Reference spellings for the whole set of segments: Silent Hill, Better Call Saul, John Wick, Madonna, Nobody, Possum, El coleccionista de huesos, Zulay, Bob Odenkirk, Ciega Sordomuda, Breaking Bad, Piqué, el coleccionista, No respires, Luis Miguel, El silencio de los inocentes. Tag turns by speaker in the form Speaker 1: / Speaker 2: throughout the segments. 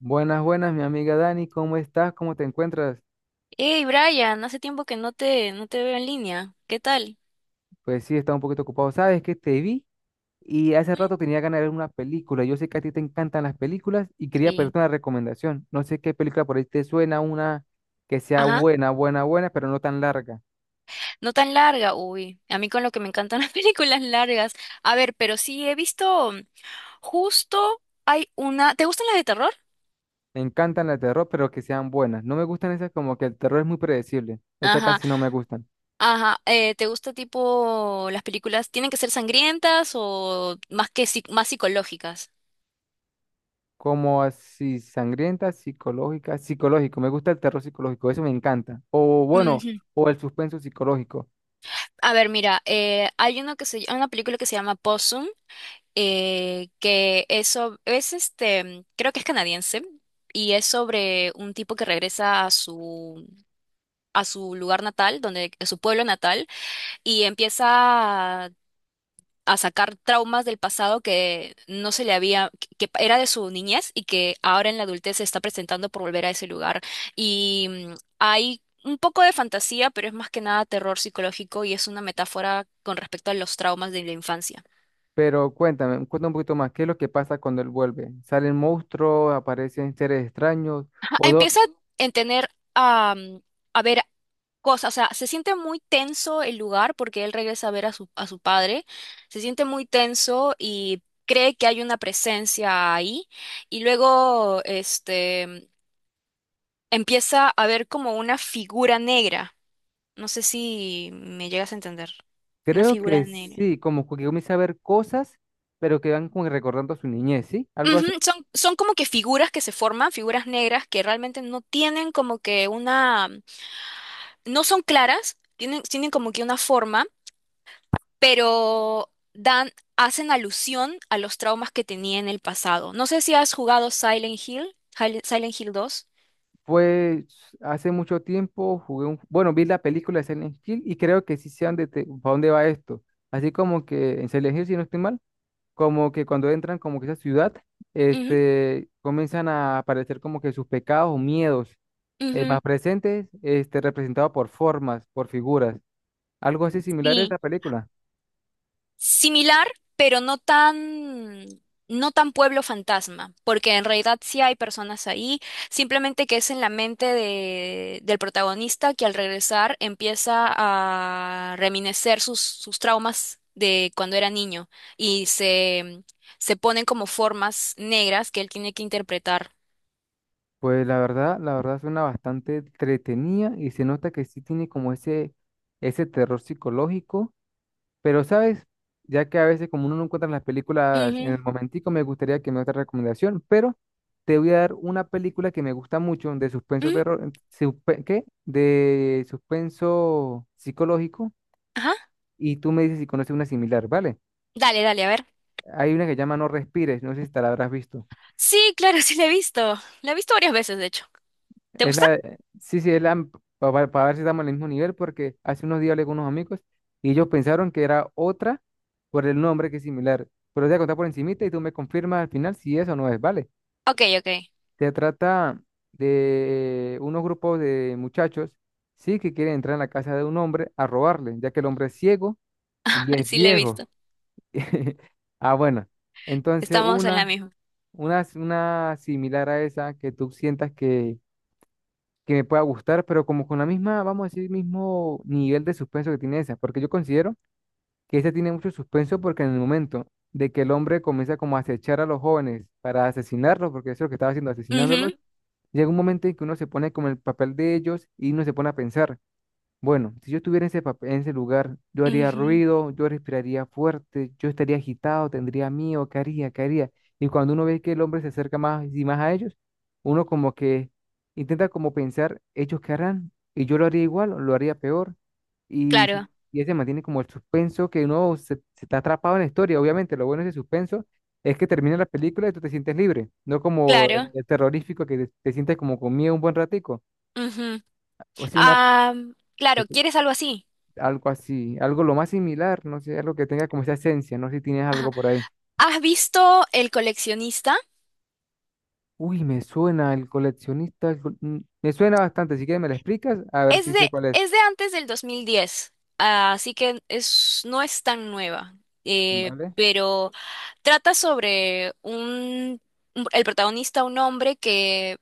Speaker 1: Buenas, buenas, mi amiga Dani, ¿cómo estás? ¿Cómo te encuentras?
Speaker 2: Hey Brian, hace tiempo que no te veo en línea. ¿Qué tal?
Speaker 1: Pues sí, estaba un poquito ocupado. Sabes que te vi y hace
Speaker 2: ¿Mm?
Speaker 1: rato tenía ganas de ver una película. Yo sé que a ti te encantan las películas y quería
Speaker 2: Sí.
Speaker 1: pedirte una recomendación. No sé qué película por ahí te suena, una que sea
Speaker 2: Ajá.
Speaker 1: buena, buena, buena, pero no tan larga.
Speaker 2: No tan larga. Uy, a mí con lo que me encantan las películas largas. A ver, pero sí he visto justo hay una. ¿Te gustan las de terror?
Speaker 1: Me encantan las de terror, pero que sean buenas. No me gustan esas como que el terror es muy predecible. Esas
Speaker 2: Ajá,
Speaker 1: casi no me gustan.
Speaker 2: ajá. ¿Te gusta tipo las películas tienen que ser sangrientas o más que más psicológicas?
Speaker 1: Como así sangrientas, psicológicas, psicológico. Me gusta el terror psicológico, eso me encanta. O bueno,
Speaker 2: Ujú.
Speaker 1: o el suspenso psicológico.
Speaker 2: A ver, mira, hay una película que se llama Possum. Que eso es creo que es canadiense y es sobre un tipo que regresa a su lugar natal, donde a su pueblo natal, y empieza a, a sacar traumas del pasado que no se le había que era de su niñez y que ahora en la adultez se está presentando por volver a ese lugar, y hay un poco de fantasía, pero es más que nada terror psicológico y es una metáfora con respecto a los traumas de la infancia.
Speaker 1: Pero cuéntame, cuéntame un poquito más, ¿qué es lo que pasa cuando él vuelve? ¿Salen monstruos, aparecen seres extraños? O do-
Speaker 2: Empieza a tener am, a ver cosas. O sea, se siente muy tenso el lugar porque él regresa a ver a su padre, se siente muy tenso y cree que hay una presencia ahí, y luego empieza a ver como una figura negra. No sé si me llegas a entender. Una
Speaker 1: Creo
Speaker 2: figura
Speaker 1: que
Speaker 2: negra.
Speaker 1: sí, como que comienza a ver cosas, pero que van como que recordando su niñez, ¿sí? Algo
Speaker 2: Ujú.
Speaker 1: así.
Speaker 2: Son como que figuras que se forman, figuras negras que realmente no tienen como que no son claras, tienen como que una forma, pero hacen alusión a los traumas que tenía en el pasado. No sé si has jugado Silent Hill, Silent Hill dos.
Speaker 1: Pues hace mucho tiempo jugué un, bueno, vi la película de Silent Hill y creo que sí sé a dónde, pa' dónde va esto. Así como que en Silent Hill, si no estoy mal, como que cuando entran como que esa ciudad,
Speaker 2: Ujú,
Speaker 1: este, comienzan a aparecer como que sus pecados o miedos más
Speaker 2: ujú.
Speaker 1: presentes, este, representados por formas, por figuras, algo así similar a esa
Speaker 2: Sí.
Speaker 1: película.
Speaker 2: Similar, pero no tan pueblo fantasma, porque en realidad sí hay personas ahí, simplemente que es en la mente del protagonista, que al regresar empieza a reminecer sus traumas de cuando era niño, y se ponen como formas negras que él tiene que interpretar.
Speaker 1: Pues la verdad suena bastante entretenida y se nota que sí tiene como ese terror psicológico. Pero, ¿sabes? Ya que a veces como uno no encuentra las películas en
Speaker 2: Ujú,
Speaker 1: el momentico, me gustaría que me otra recomendación, pero te voy a dar una película que me gusta mucho de suspenso
Speaker 2: ujú.
Speaker 1: terror, ¿qué? De suspenso psicológico
Speaker 2: Ajá.
Speaker 1: y tú me dices si conoces una similar, ¿vale?
Speaker 2: Dale, dale, a ver.
Speaker 1: Hay una que llama No respires, no sé si te la habrás visto.
Speaker 2: Sí, claro, sí la he visto. La he visto varias veces, de hecho. ¿Te gusta?
Speaker 1: Sí, sí, es la, para ver si estamos en el mismo nivel, porque hace unos días hablé con unos amigos y ellos pensaron que era otra por el nombre que es similar. Pero te voy a contar por encimita y tú me confirmas al final si eso no es, ¿vale?
Speaker 2: Ok, ok.
Speaker 1: Se trata de unos grupos de muchachos, sí, que quieren entrar en la casa de un hombre a robarle, ya que el hombre es ciego y es
Speaker 2: Sí la he
Speaker 1: viejo.
Speaker 2: visto.
Speaker 1: Ah, bueno. Entonces,
Speaker 2: Estamos en la
Speaker 1: una,
Speaker 2: misma.
Speaker 1: una similar a esa que tú sientas que me pueda gustar, pero como con la misma, vamos a decir, mismo nivel de suspenso que tiene esa, porque yo considero que esa tiene mucho suspenso porque en el momento de que el hombre comienza como a acechar a los jóvenes para asesinarlos, porque eso es lo que estaba haciendo, asesinándolos,
Speaker 2: Ujú,
Speaker 1: llega un momento en que uno se pone como en el papel de ellos y uno se pone a pensar. Bueno, si yo estuviera en ese, en ese lugar, yo haría
Speaker 2: ujú.
Speaker 1: ruido, yo respiraría fuerte, yo estaría agitado, tendría miedo, ¿qué haría? ¿Qué haría? Y cuando uno ve que el hombre se acerca más y más a ellos, uno como que intenta como pensar, ellos qué harán, y yo lo haría igual, o lo haría peor, y,
Speaker 2: Claro,
Speaker 1: y ese mantiene como el suspenso que uno se, se está atrapado en la historia. Obviamente, lo bueno de ese suspenso es que termina la película y tú te sientes libre, no como
Speaker 2: claro.
Speaker 1: el terrorífico que te sientes como con miedo un buen ratico.
Speaker 2: Ujú.
Speaker 1: O sea, una,
Speaker 2: Ah, claro, ¿quieres algo así?
Speaker 1: algo así, algo lo más similar, no sé, algo que tenga como esa esencia, no sé si tienes algo por ahí.
Speaker 2: ¿Has visto El coleccionista?
Speaker 1: Uy, me suena el coleccionista, me suena bastante, si quieres me lo explicas, a ver
Speaker 2: Es
Speaker 1: si sé
Speaker 2: de,
Speaker 1: cuál es,
Speaker 2: es de antes del 2010. Ah, así que no es tan nueva,
Speaker 1: ¿vale?
Speaker 2: pero trata sobre el protagonista, un hombre que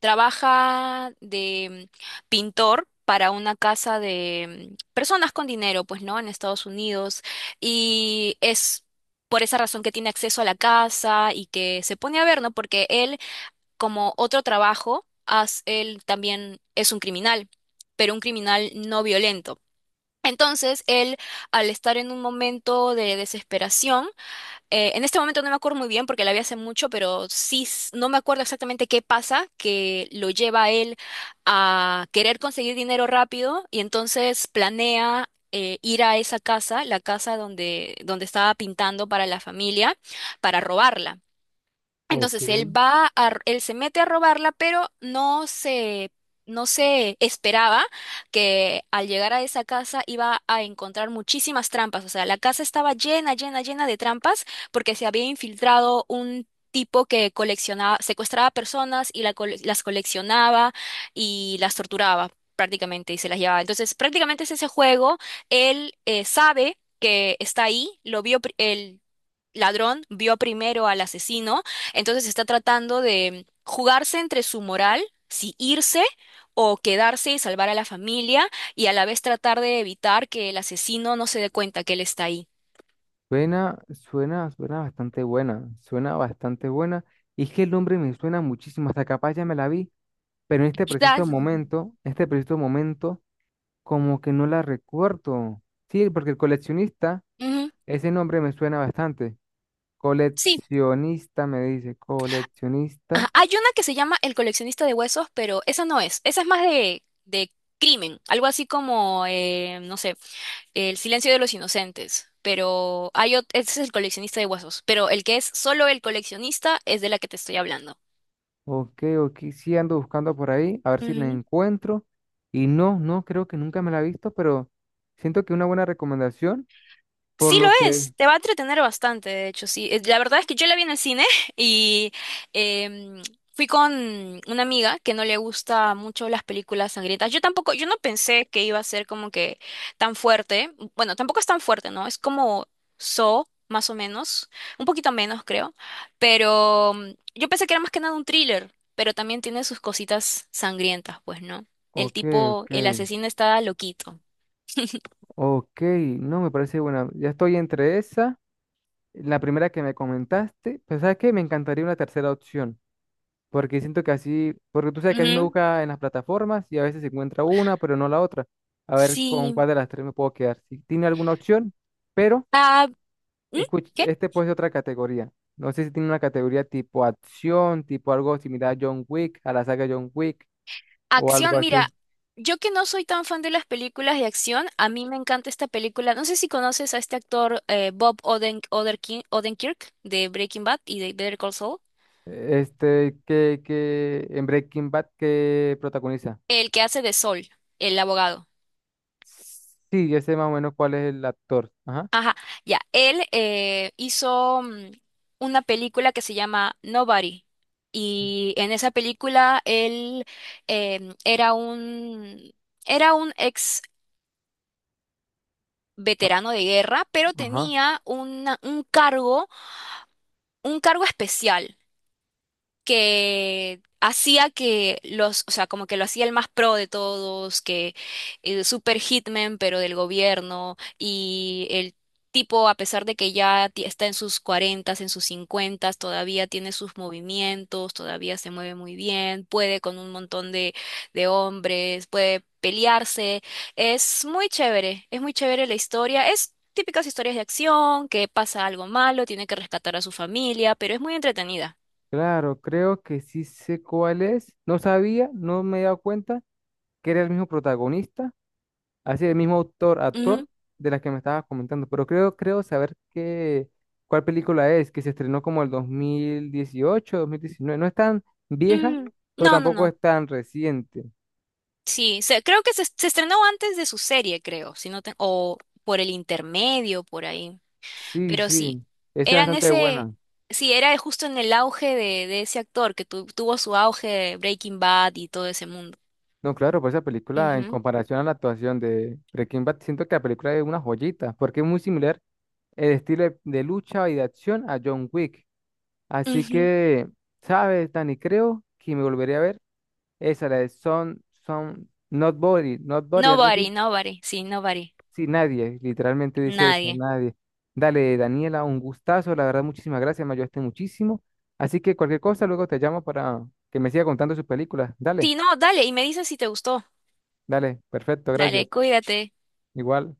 Speaker 2: trabaja de pintor para una casa de personas con dinero, pues, ¿no? En Estados Unidos. Y es por esa razón que tiene acceso a la casa y que se pone a ver, ¿no? Porque él, como otro trabajo, él también es un criminal, pero un criminal no violento. Entonces, él, al estar en un momento de desesperación, en este momento no me acuerdo muy bien porque la vi hace mucho, pero sí, no me acuerdo exactamente qué pasa que lo lleva a él a querer conseguir dinero rápido, y entonces planea ir a esa casa, la casa donde estaba pintando para la familia, para robarla.
Speaker 1: Ok,
Speaker 2: Entonces, él se mete a robarla, pero no se esperaba que al llegar a esa casa iba a encontrar muchísimas trampas. O sea, la casa estaba llena, llena, llena de trampas porque se había infiltrado un tipo que coleccionaba, secuestraba personas, y las coleccionaba y las torturaba prácticamente y se las llevaba. Entonces, prácticamente es ese juego. Él sabe que está ahí, lo vio, ladrón vio primero al asesino, entonces está tratando de jugarse entre su moral, si irse o quedarse y salvar a la familia, y a la vez tratar de evitar que el asesino no se dé cuenta que él está ahí.
Speaker 1: suena, suena, suena bastante buena, y es que el nombre me suena muchísimo, hasta capaz ya me la vi, pero en este
Speaker 2: Quizás.
Speaker 1: preciso momento, en este preciso momento, como que no la recuerdo. Sí, porque el coleccionista,
Speaker 2: Ujú.
Speaker 1: ese nombre me suena bastante.
Speaker 2: Sí.
Speaker 1: Coleccionista, me dice, coleccionista.
Speaker 2: Ajá. Hay una que se llama El coleccionista de huesos, pero esa no es. Esa es más de crimen, algo así como, no sé, El silencio de los inocentes. Pero ese es el coleccionista de huesos. Pero el que es solo el coleccionista es de la que te estoy hablando.
Speaker 1: Ok, ok, sí ando buscando por ahí, a ver si la
Speaker 2: Ujú.
Speaker 1: encuentro. Y no, no, creo que nunca me la he visto, pero siento que una buena recomendación, por
Speaker 2: Sí lo
Speaker 1: lo que…
Speaker 2: es, te va a entretener bastante, de hecho, sí. La verdad es que yo la vi en el cine y em, fui con una amiga que no le gusta mucho las películas sangrientas. Yo tampoco, yo no pensé que iba a ser como que tan fuerte. Bueno, tampoco es tan fuerte, ¿no? Es como so más o menos, un poquito menos, creo. Pero yo pensé que era más que nada un thriller, pero también tiene sus cositas sangrientas, pues, ¿no? El
Speaker 1: Ok,
Speaker 2: tipo,
Speaker 1: ok,
Speaker 2: el asesino está loquito.
Speaker 1: ok, no, me parece buena. Ya estoy entre esa, la primera que me comentaste, pero ¿sabes qué? Me encantaría una tercera opción. Porque siento que así, porque tú sabes que así uno
Speaker 2: Ujú.
Speaker 1: busca en las plataformas y a veces se encuentra una, pero no la otra. A ver con
Speaker 2: Sí.
Speaker 1: cuál de las tres me puedo quedar. Si tiene alguna opción, pero
Speaker 2: Ah. ¿Mm?
Speaker 1: escuche,
Speaker 2: ¿Qué?
Speaker 1: este puede ser otra categoría. No sé si tiene una categoría tipo acción, tipo algo similar a John Wick, a la saga John Wick o algo
Speaker 2: Acción, mira,
Speaker 1: así.
Speaker 2: yo que no soy tan fan de las películas de acción, a mí me encanta esta película. No sé si conoces a este actor, Bob Odenkirk, de Breaking Bad y de Better Call Saul,
Speaker 1: Este, que en Breaking Bad que protagoniza.
Speaker 2: el que hace de Saul, el abogado.
Speaker 1: Sí, ya sé más o menos cuál es el actor. Ajá.
Speaker 2: Ajá, ya, él hizo una película que se llama Nobody. Y en esa película él em, era un, era un ex
Speaker 1: a-
Speaker 2: veterano de guerra, pero
Speaker 1: Ajá.
Speaker 2: tenía un cargo especial que hacía o sea, como que lo hacía el más pro de todos, que super hitman, pero del gobierno, y el tipo, a pesar de que ya está en sus cuarentas, en sus cincuentas, todavía tiene sus movimientos, todavía se mueve muy bien, puede con un montón de hombres, puede pelearse, es muy chévere la historia, es típicas historias de acción, que pasa algo malo, tiene que rescatar a su familia, pero es muy entretenida.
Speaker 1: Claro, creo que sí sé cuál es. No sabía, no me he dado cuenta que era el mismo protagonista, así el mismo autor, actor de la que me estabas comentando, pero creo, creo saber qué, cuál película es, que se estrenó como el 2018, 2019. No es tan vieja,
Speaker 2: Mm,
Speaker 1: pero
Speaker 2: no, no,
Speaker 1: tampoco
Speaker 2: no.
Speaker 1: es tan reciente.
Speaker 2: Sí, creo que se estrenó antes de su serie, creo, si no o por el intermedio, por ahí.
Speaker 1: Sí,
Speaker 2: Pero sí,
Speaker 1: sí, esa es
Speaker 2: eran
Speaker 1: bastante
Speaker 2: ese,
Speaker 1: buena.
Speaker 2: sí, era justo en el auge de ese actor que tuvo su auge de Breaking Bad y todo ese mundo.
Speaker 1: No, claro, por esa película, en
Speaker 2: Ujú,
Speaker 1: comparación a la actuación de Breaking Bad, siento que la película es una joyita, porque es muy similar el estilo de lucha y de acción a John Wick. Así
Speaker 2: ujú.
Speaker 1: que, ¿sabes, Dani? Creo que me volvería a ver esa, la de Son, Son, Not Body, Not Body, algo así.
Speaker 2: Nobody, nobody, sí, nobody,
Speaker 1: Sí, nadie, literalmente dice eso,
Speaker 2: nadie.
Speaker 1: nadie. Dale, Daniela, un gustazo, la verdad, muchísimas gracias, me ayudaste muchísimo. Así que cualquier cosa, luego te llamo para que me siga contando sus películas. Dale,
Speaker 2: Sí, no, dale, y me dices si te gustó.
Speaker 1: dale, perfecto, gracias.
Speaker 2: Dale, cuídate.
Speaker 1: Igual.